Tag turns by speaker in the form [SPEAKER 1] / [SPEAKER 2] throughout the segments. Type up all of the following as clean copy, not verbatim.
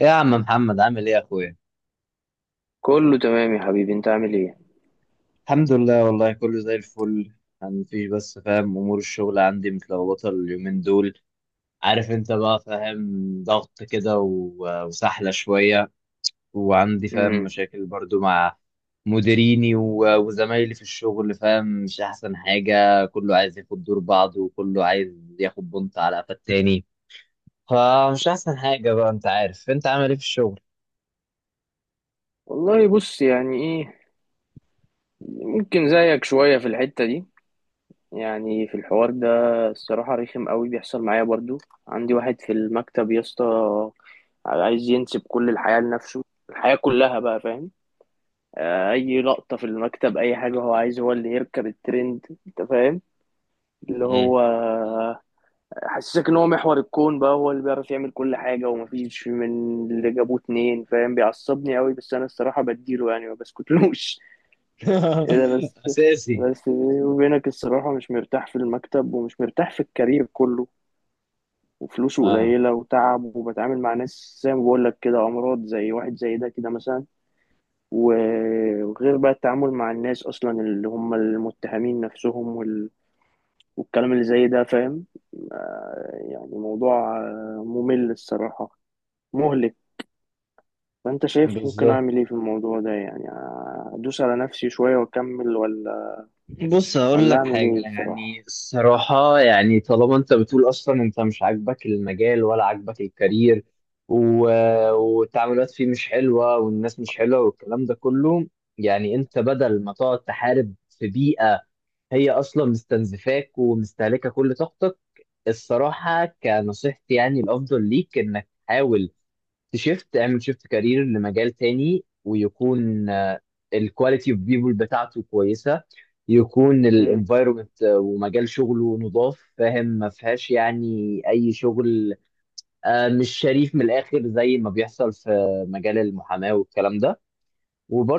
[SPEAKER 1] إيه يا عم محمد عامل ايه يا اخويا؟
[SPEAKER 2] كله تمام يا حبيبي، انت عامل ايه؟
[SPEAKER 1] الحمد لله، والله كله زي الفل. يعني مفيش، بس فاهم، امور الشغل عندي متلخبطه اليومين دول. عارف انت بقى، فاهم، ضغط كده و- وسحله شويه. وعندي فاهم
[SPEAKER 2] امم
[SPEAKER 1] مشاكل برضو مع مديريني و- وزمايلي في الشغل، فاهم؟ مش احسن حاجه، كله عايز ياخد دور بعضه وكله عايز ياخد بنط على قفا التاني. فمش احسن حاجه بقى. انت عارف، انت عامل ايه في الشغل؟
[SPEAKER 2] والله بص، يعني ايه، ممكن زيك شوية في الحتة دي، يعني في الحوار ده. الصراحة رخم قوي بيحصل معايا برضو. عندي واحد في المكتب يا اسطى عايز ينسب كل الحياة لنفسه، الحياة كلها بقى، فاهم؟ اي لقطة في المكتب، اي حاجة هو عايز، هو اللي يركب الترند، انت فاهم؟ اللي
[SPEAKER 1] مم.
[SPEAKER 2] هو حسسك ان هو محور الكون بقى، هو اللي بيعرف يعمل كل حاجه، ومفيش من اللي جابوه اتنين، فاهم؟ بيعصبني قوي، بس انا الصراحه بديله يعني، ما بسكتلوش. إيه ده بس؟
[SPEAKER 1] اساسي.
[SPEAKER 2] بس بيني وبينك الصراحه مش مرتاح في المكتب ومش مرتاح في الكارير كله، وفلوسه
[SPEAKER 1] اه
[SPEAKER 2] قليله وتعب، وبتعامل مع ناس زي ما بقول لك كده، امراض زي واحد زي ده كده مثلا. وغير بقى التعامل مع الناس اصلا اللي هم المتهمين نفسهم والكلام اللي زي ده، فاهم؟ يعني موضوع ممل الصراحة، مهلك. فأنت شايف ممكن
[SPEAKER 1] بالظبط.
[SPEAKER 2] أعمل إيه في الموضوع ده يعني؟ أدوس على نفسي شوية وأكمل، ولا
[SPEAKER 1] بص هقول
[SPEAKER 2] ولا
[SPEAKER 1] لك
[SPEAKER 2] أعمل
[SPEAKER 1] حاجة،
[SPEAKER 2] إيه
[SPEAKER 1] يعني
[SPEAKER 2] الصراحة؟
[SPEAKER 1] الصراحة، يعني طالما انت بتقول اصلا انت مش عاجبك المجال ولا عاجبك الكارير و... والتعاملات فيه مش حلوة والناس مش حلوة والكلام ده كله. يعني انت بدل ما تقعد تحارب في بيئة هي اصلا مستنزفاك ومستهلكة كل طاقتك، الصراحة كنصيحتي يعني الافضل ليك انك تحاول تشيفت، اعمل شيفت كارير لمجال تاني، ويكون الكواليتي اوف بيبول بتاعته كويسه، يكون
[SPEAKER 2] مم.
[SPEAKER 1] الانفايرمنت ومجال شغله نضاف، فاهم؟ ما فيهاش يعني اي شغل مش شريف من الاخر زي ما بيحصل في مجال المحاماه والكلام ده.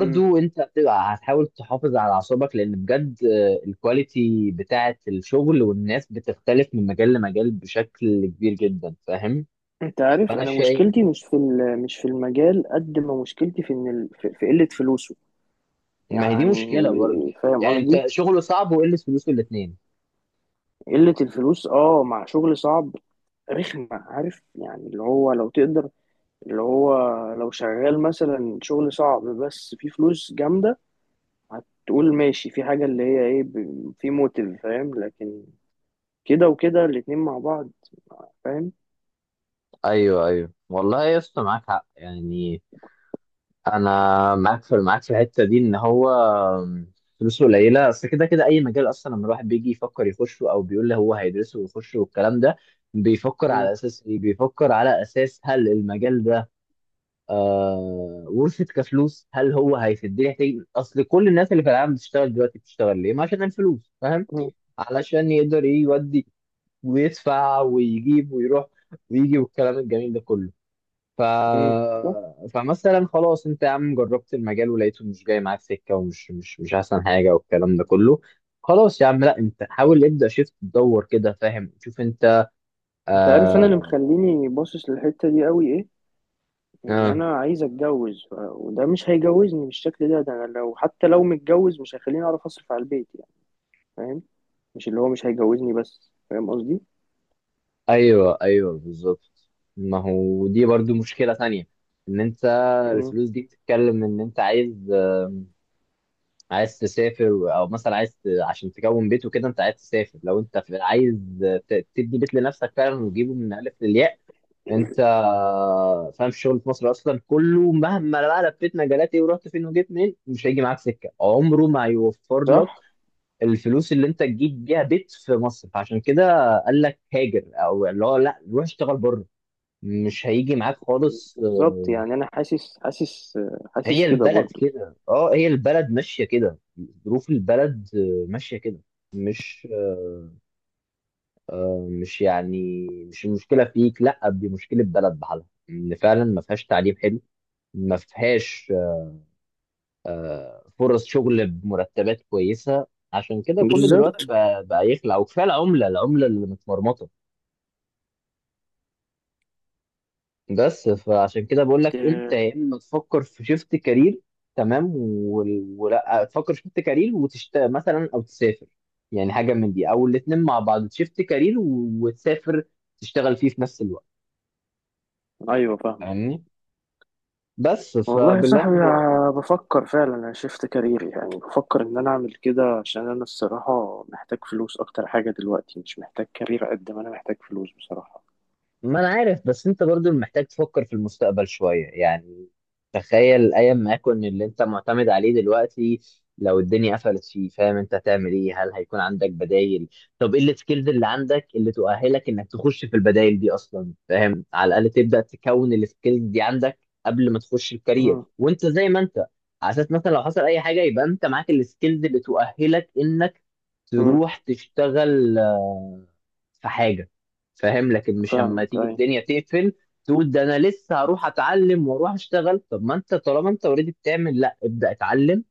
[SPEAKER 2] مم.
[SPEAKER 1] انت هتبقى هتحاول تحافظ على اعصابك، لان بجد الكواليتي بتاعه الشغل والناس بتختلف من مجال لمجال بشكل كبير جدا، فاهم؟
[SPEAKER 2] أنت عارف
[SPEAKER 1] فانا
[SPEAKER 2] أنا
[SPEAKER 1] شايف،
[SPEAKER 2] مشكلتي مش في مش في المجال، قد ما مشكلتي في إن في قلة فلوسه
[SPEAKER 1] ما هي دي مشكله برضه.
[SPEAKER 2] يعني، فاهم
[SPEAKER 1] يعني انت
[SPEAKER 2] قصدي؟
[SPEAKER 1] شغله صعب وقلة فلوسه، الاثنين.
[SPEAKER 2] قلة الفلوس أه مع شغل صعب، رخمة، عارف يعني؟ اللي هو لو تقدر، اللي هو لو شغال مثلا شغل صعب بس فيه فلوس جامدة، هتقول ماشي، في حاجة اللي هي ايه، في موتيف، فاهم؟ لكن كده وكده الاتنين مع بعض، فاهم؟
[SPEAKER 1] ايوه ايوه، والله يا اسطى معاك حق، يعني انا معاك في، معاك في الحته دي، ان هو فلوسه قليله. بس كده كده اي مجال اصلا لما الواحد بيجي يفكر يخشه او بيقول لي هو هيدرسه ويخشه والكلام ده، بيفكر على
[SPEAKER 2] مم.
[SPEAKER 1] اساس ايه؟ بيفكر على اساس هل المجال ده آه ورثة كفلوس، هل هو هيفيدني؟ يحتاج، اصل كل الناس اللي في العالم بتشتغل دلوقتي بتشتغل ليه؟ ما عشان الفلوس، فاهم؟
[SPEAKER 2] مم.
[SPEAKER 1] علشان يقدر ايه، يودي ويدفع ويجيب ويروح ويجي والكلام الجميل ده كله. ف...
[SPEAKER 2] مم. صح.
[SPEAKER 1] فمثلا خلاص، انت يا عم جربت المجال ولقيته مش جاي معاك سكه، ومش مش احسن حاجه، والكلام ده كله. خلاص يا عم، لا انت حاول، ابدا شفت، تدور كده، فاهم؟ شوف انت.
[SPEAKER 2] انت عارف انا اللي
[SPEAKER 1] آه...
[SPEAKER 2] مخليني باصص للحتة دي قوي ايه؟ ان
[SPEAKER 1] آه...
[SPEAKER 2] انا عايز اتجوز، وده مش هيجوزني بالشكل ده، ده أنا لو حتى لو متجوز مش هيخليني اعرف اصرف على البيت يعني، فاهم؟ مش اللي هو مش هيجوزني، بس فاهم قصدي.
[SPEAKER 1] ايوه ايوه بالظبط. ما هو دي برضو مشكله ثانيه، ان انت
[SPEAKER 2] مم.
[SPEAKER 1] الفلوس دي بتتكلم، ان انت عايز، عايز تسافر، او مثلا عايز عشان تكون بيت وكده، انت عايز تسافر، لو انت عايز تبني بيت لنفسك فعلا وتجيبه من الف للياء. انت فاهم الشغل في مصر اصلا كله، مهما بقى لفيت مجالات ايه ورحت فين وجيت منين، مش هيجي معاك سكه، عمره ما هيوفر لك
[SPEAKER 2] صح.
[SPEAKER 1] الفلوس اللي انت تجيب بيها بيت في مصر. فعشان كده قال لك هاجر، او اللي هو لا روح اشتغل بره، مش هيجي معاك خالص
[SPEAKER 2] بالظبط، يعني انا حاسس، حاسس، حاسس
[SPEAKER 1] هي
[SPEAKER 2] كده
[SPEAKER 1] البلد
[SPEAKER 2] برضو.
[SPEAKER 1] كده، اه هي البلد ماشية كده، ظروف البلد ماشية كده. مش مش يعني مش المشكله فيك، لا دي مشكله بلد بحالها، ان فعلا ما فيهاش تعليم حلو، ما فيهاش فرص شغل بمرتبات كويسه. عشان كده كل دلوقتي
[SPEAKER 2] بالظبط.
[SPEAKER 1] بقى يخلع، وكفايه العمله، العمله اللي متمرمطه. بس فعشان كده بقول لك انت،
[SPEAKER 2] آه،
[SPEAKER 1] يا اما تفكر في شيفت كارير، تمام، وال- ولا تفكر شيفت كارير وتشت مثلا او تسافر، يعني حاجه من دي، او الاثنين مع بعض، شيفت كارير و- وتسافر تشتغل فيه في نفس الوقت.
[SPEAKER 2] ايوه فاهمك.
[SPEAKER 1] فاهمني؟ بس
[SPEAKER 2] والله يا
[SPEAKER 1] فباللي انا
[SPEAKER 2] صاحبي، آه، بفكر فعلا انا شفت كاريري، يعني بفكر ان انا اعمل كده، عشان انا الصراحه محتاج فلوس اكتر حاجه دلوقتي، مش محتاج كارير قد ما انا محتاج فلوس بصراحه.
[SPEAKER 1] ما انا عارف، بس انت برضو محتاج تفكر في المستقبل شوية، يعني تخيل ايام ما يكون اللي انت معتمد عليه دلوقتي لو الدنيا قفلت فيه، فاهم؟ انت هتعمل ايه؟ هل هيكون عندك بدايل؟ طب ايه السكيلز اللي عندك اللي تؤهلك انك تخش في البدايل دي اصلا، فاهم؟ على الاقل تبدأ تكون السكيلز دي عندك قبل ما تخش الكارير
[SPEAKER 2] امم.
[SPEAKER 1] وانت زي ما انت، على اساس مثلا لو حصل اي حاجة يبقى انت معاك السكيلز اللي تؤهلك انك
[SPEAKER 2] امم.
[SPEAKER 1] تروح تشتغل في حاجة، فاهم؟ لكن مش اما
[SPEAKER 2] فاهمك
[SPEAKER 1] تيجي
[SPEAKER 2] اي.
[SPEAKER 1] الدنيا تقفل تقول ده انا لسه هروح اتعلم واروح اشتغل. طب ما انت طالما انت اوريدي بتعمل، لا ابدا اتعلم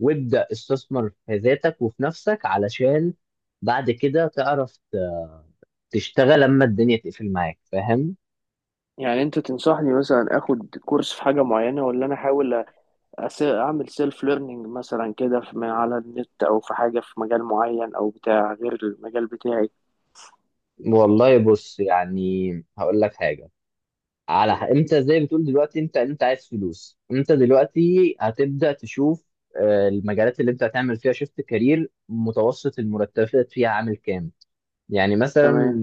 [SPEAKER 1] وابدا استثمر في ذاتك وفي نفسك، علشان بعد كده تعرف تشتغل لما الدنيا تقفل معاك، فاهم؟
[SPEAKER 2] يعني انت تنصحني مثلا اخد كورس في حاجه معينه، ولا انا احاول اعمل سيلف ليرنينج مثلا كده، من على النت، او في حاجه في مجال معين او بتاع غير المجال بتاعي؟
[SPEAKER 1] والله بص، يعني هقول لك حاجة، على انت زي بتقول دلوقتي انت، انت عايز فلوس، انت دلوقتي هتبدأ تشوف المجالات اللي انت هتعمل فيها شيفت كارير، متوسط المرتبات فيها عامل كام. يعني
[SPEAKER 2] تمام.
[SPEAKER 1] مثلا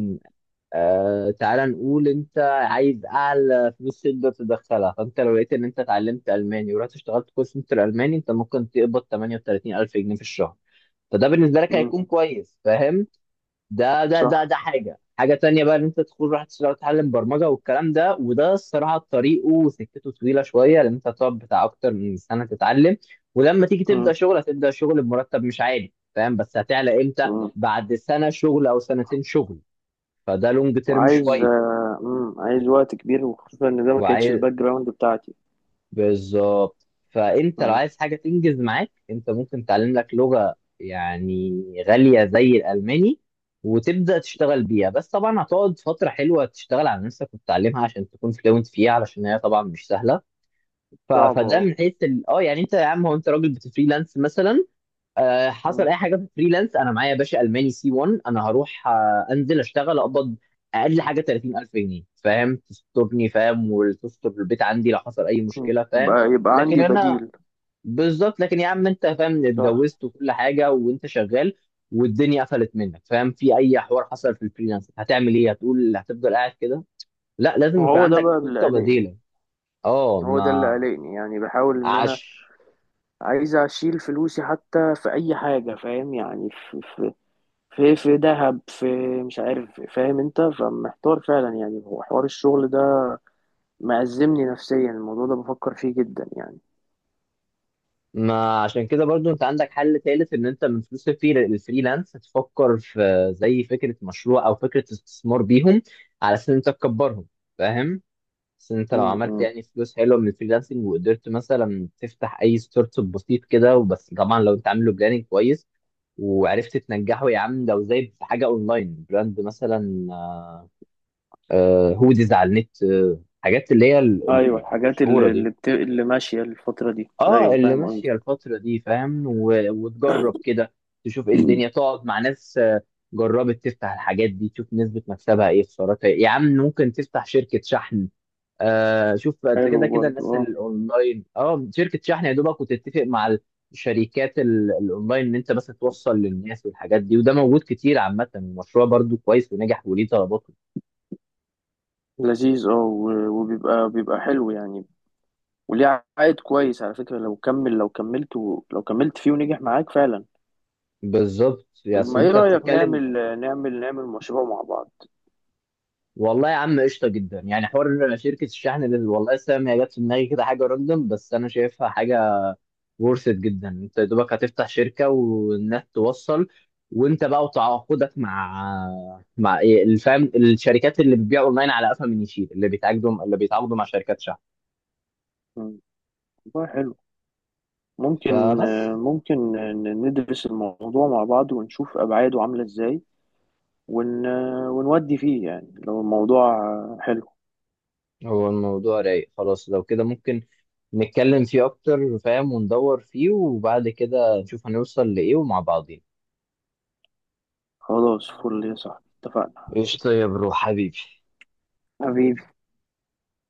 [SPEAKER 1] آه تعالى نقول انت عايز اعلى فلوس تقدر تدخلها، فانت لو لقيت ان انت اتعلمت الماني ورحت اشتغلت كول سنتر الماني، انت ممكن تقبض 38000 جنيه في الشهر، فده بالنسبه لك
[SPEAKER 2] امم.
[SPEAKER 1] هيكون كويس، فاهم؟ ده ده ده
[SPEAKER 2] صح.
[SPEAKER 1] ده حاجه، حاجه تانية بقى، ان انت تدخل راح تشتغل تتعلم برمجه والكلام ده، وده الصراحه طريقه وسكته طويله شويه، لان انت هتقعد بتاع اكتر من سنه تتعلم، ولما تيجي تبدا شغل هتبدا شغل بمرتب مش عالي، فاهم؟ بس هتعلى امتى؟
[SPEAKER 2] امم.
[SPEAKER 1] بعد سنه شغل او سنتين شغل، فده لونج تيرم
[SPEAKER 2] عايز
[SPEAKER 1] شويه.
[SPEAKER 2] آه، عايز وقت كبير، وخصوصا ان ده ما كانتش
[SPEAKER 1] وعايز،
[SPEAKER 2] الباك جراوند بتاعتي.
[SPEAKER 1] بالظبط، فانت لو
[SPEAKER 2] مم،
[SPEAKER 1] عايز حاجه تنجز معاك، انت ممكن تعلم لك لغه يعني غاليه زي الالماني، وتبدا تشتغل بيها، بس طبعا هتقعد فتره حلوه تشتغل على نفسك وتتعلمها عشان تكون فلوينت فيها، علشان هي طبعا مش سهله.
[SPEAKER 2] صعب
[SPEAKER 1] فده
[SPEAKER 2] اه.
[SPEAKER 1] من حيث اه يعني انت يا عم، هو انت راجل بتفريلانس مثلا، حصل
[SPEAKER 2] مم.
[SPEAKER 1] اي حاجه في فريلانس، انا معايا يا باشا الماني سي 1، انا هروح انزل اشتغل اقبض اقل حاجه 30000 جنيه، فاهم؟ تسترني، فاهم؟ وتستر البيت عندي لو حصل اي مشكله، فاهم؟
[SPEAKER 2] يبقى يبقى
[SPEAKER 1] لكن
[SPEAKER 2] عندي
[SPEAKER 1] انا،
[SPEAKER 2] بديل.
[SPEAKER 1] بالظبط، لكن يا عم انت فاهم،
[SPEAKER 2] صح.
[SPEAKER 1] اتجوزت وكل حاجه وانت شغال والدنيا قفلت منك، فاهم؟ في اي حوار حصل في الفريلانس هتعمل ايه؟ هتقول هتفضل قاعد كده؟ لا لازم يكون
[SPEAKER 2] وهو ده
[SPEAKER 1] عندك
[SPEAKER 2] بقى اللي
[SPEAKER 1] خطه
[SPEAKER 2] قلقني،
[SPEAKER 1] بديله. اه
[SPEAKER 2] هو ده اللي
[SPEAKER 1] ما
[SPEAKER 2] قلقني، يعني بحاول ان انا
[SPEAKER 1] عش
[SPEAKER 2] عايز اشيل فلوسي حتى في اي حاجة، فاهم؟ يعني في في في ذهب، في مش عارف، فاهم انت؟ فمحتار فعلا يعني، هو حوار الشغل ده مأزمني نفسيا، الموضوع ده بفكر فيه جدا يعني.
[SPEAKER 1] ما عشان كده برضو انت عندك حل تالت، ان انت من فلوس الفريلانس تفكر في زي فكرة مشروع او فكرة استثمار بيهم، على اساس ان انت تكبرهم، فاهم؟ بس انت لو عملت
[SPEAKER 2] مم.
[SPEAKER 1] يعني فلوس حلوة من الفريلانسنج وقدرت مثلا تفتح اي ستارت اب بسيط كده وبس، طبعا لو انت عامله بلاننج كويس وعرفت تنجحه، يا عم لو زي في حاجة اونلاين براند مثلا، هوديز على النت، حاجات اللي هي
[SPEAKER 2] ايوه، الحاجات
[SPEAKER 1] المشهورة
[SPEAKER 2] اللي
[SPEAKER 1] دي،
[SPEAKER 2] اللي ماشيه الفتره دي،
[SPEAKER 1] اه
[SPEAKER 2] ايوه
[SPEAKER 1] اللي
[SPEAKER 2] فاهم قصدي.
[SPEAKER 1] ماشيه الفتره دي، فاهم؟ وتجرب كده، تشوف ايه الدنيا، تقعد مع ناس جربت تفتح الحاجات دي تشوف نسبه مكسبها ايه، خسارتها ايه. يا عم ممكن تفتح شركه شحن، آه شوف انت، كده
[SPEAKER 2] حلو
[SPEAKER 1] كده
[SPEAKER 2] برضه
[SPEAKER 1] الناس اللي
[SPEAKER 2] اه.
[SPEAKER 1] الاونلاين، اه شركه شحن يا دوبك، وتتفق مع الشركات الاونلاين ان انت بس توصل للناس والحاجات دي، وده موجود كتير عامه، المشروع برضو كويس ونجح وليه طلباته.
[SPEAKER 2] لذيذ اه. وبيبقى بيبقى حلو يعني، وليه عائد كويس على فكره لو كمل، لو لو كملت فيه ونجح معاك فعلا.
[SPEAKER 1] بالظبط، يعني
[SPEAKER 2] طب
[SPEAKER 1] اصل
[SPEAKER 2] ما ايه
[SPEAKER 1] انت
[SPEAKER 2] رايك
[SPEAKER 1] بتتكلم،
[SPEAKER 2] نعمل نعمل مشروع مع بعض؟
[SPEAKER 1] والله يا عم قشطه جدا يعني، حوار شركه الشحن اللي والله سام هي جت في دماغي كده، حاجه راندوم، بس انا شايفها حاجه ورثت جدا. انت يا دوبك هتفتح شركه والناس توصل، وانت بقى وتعاقدك مع، مع إيه الفهم، الشركات اللي بتبيع اونلاين على قفا من يشيل، اللي بيتعاقدوا، اللي بيتعاقدوا مع شركات شحن،
[SPEAKER 2] مم. والله حلو. ممكن،
[SPEAKER 1] فبس.
[SPEAKER 2] ممكن ندرس الموضوع مع بعض ونشوف أبعاده عاملة إزاي، ون... ونودي فيه يعني لو الموضوع حلو.
[SPEAKER 1] هو الموضوع رايق خلاص، لو كده ممكن نتكلم فيه اكتر، فاهم؟ وندور فيه وبعد كده نشوف هنوصل لايه ومع بعضين.
[SPEAKER 2] خلاص فل يا صاحبي، اتفقنا.
[SPEAKER 1] قشطه يا برو حبيبي.
[SPEAKER 2] حبيبي.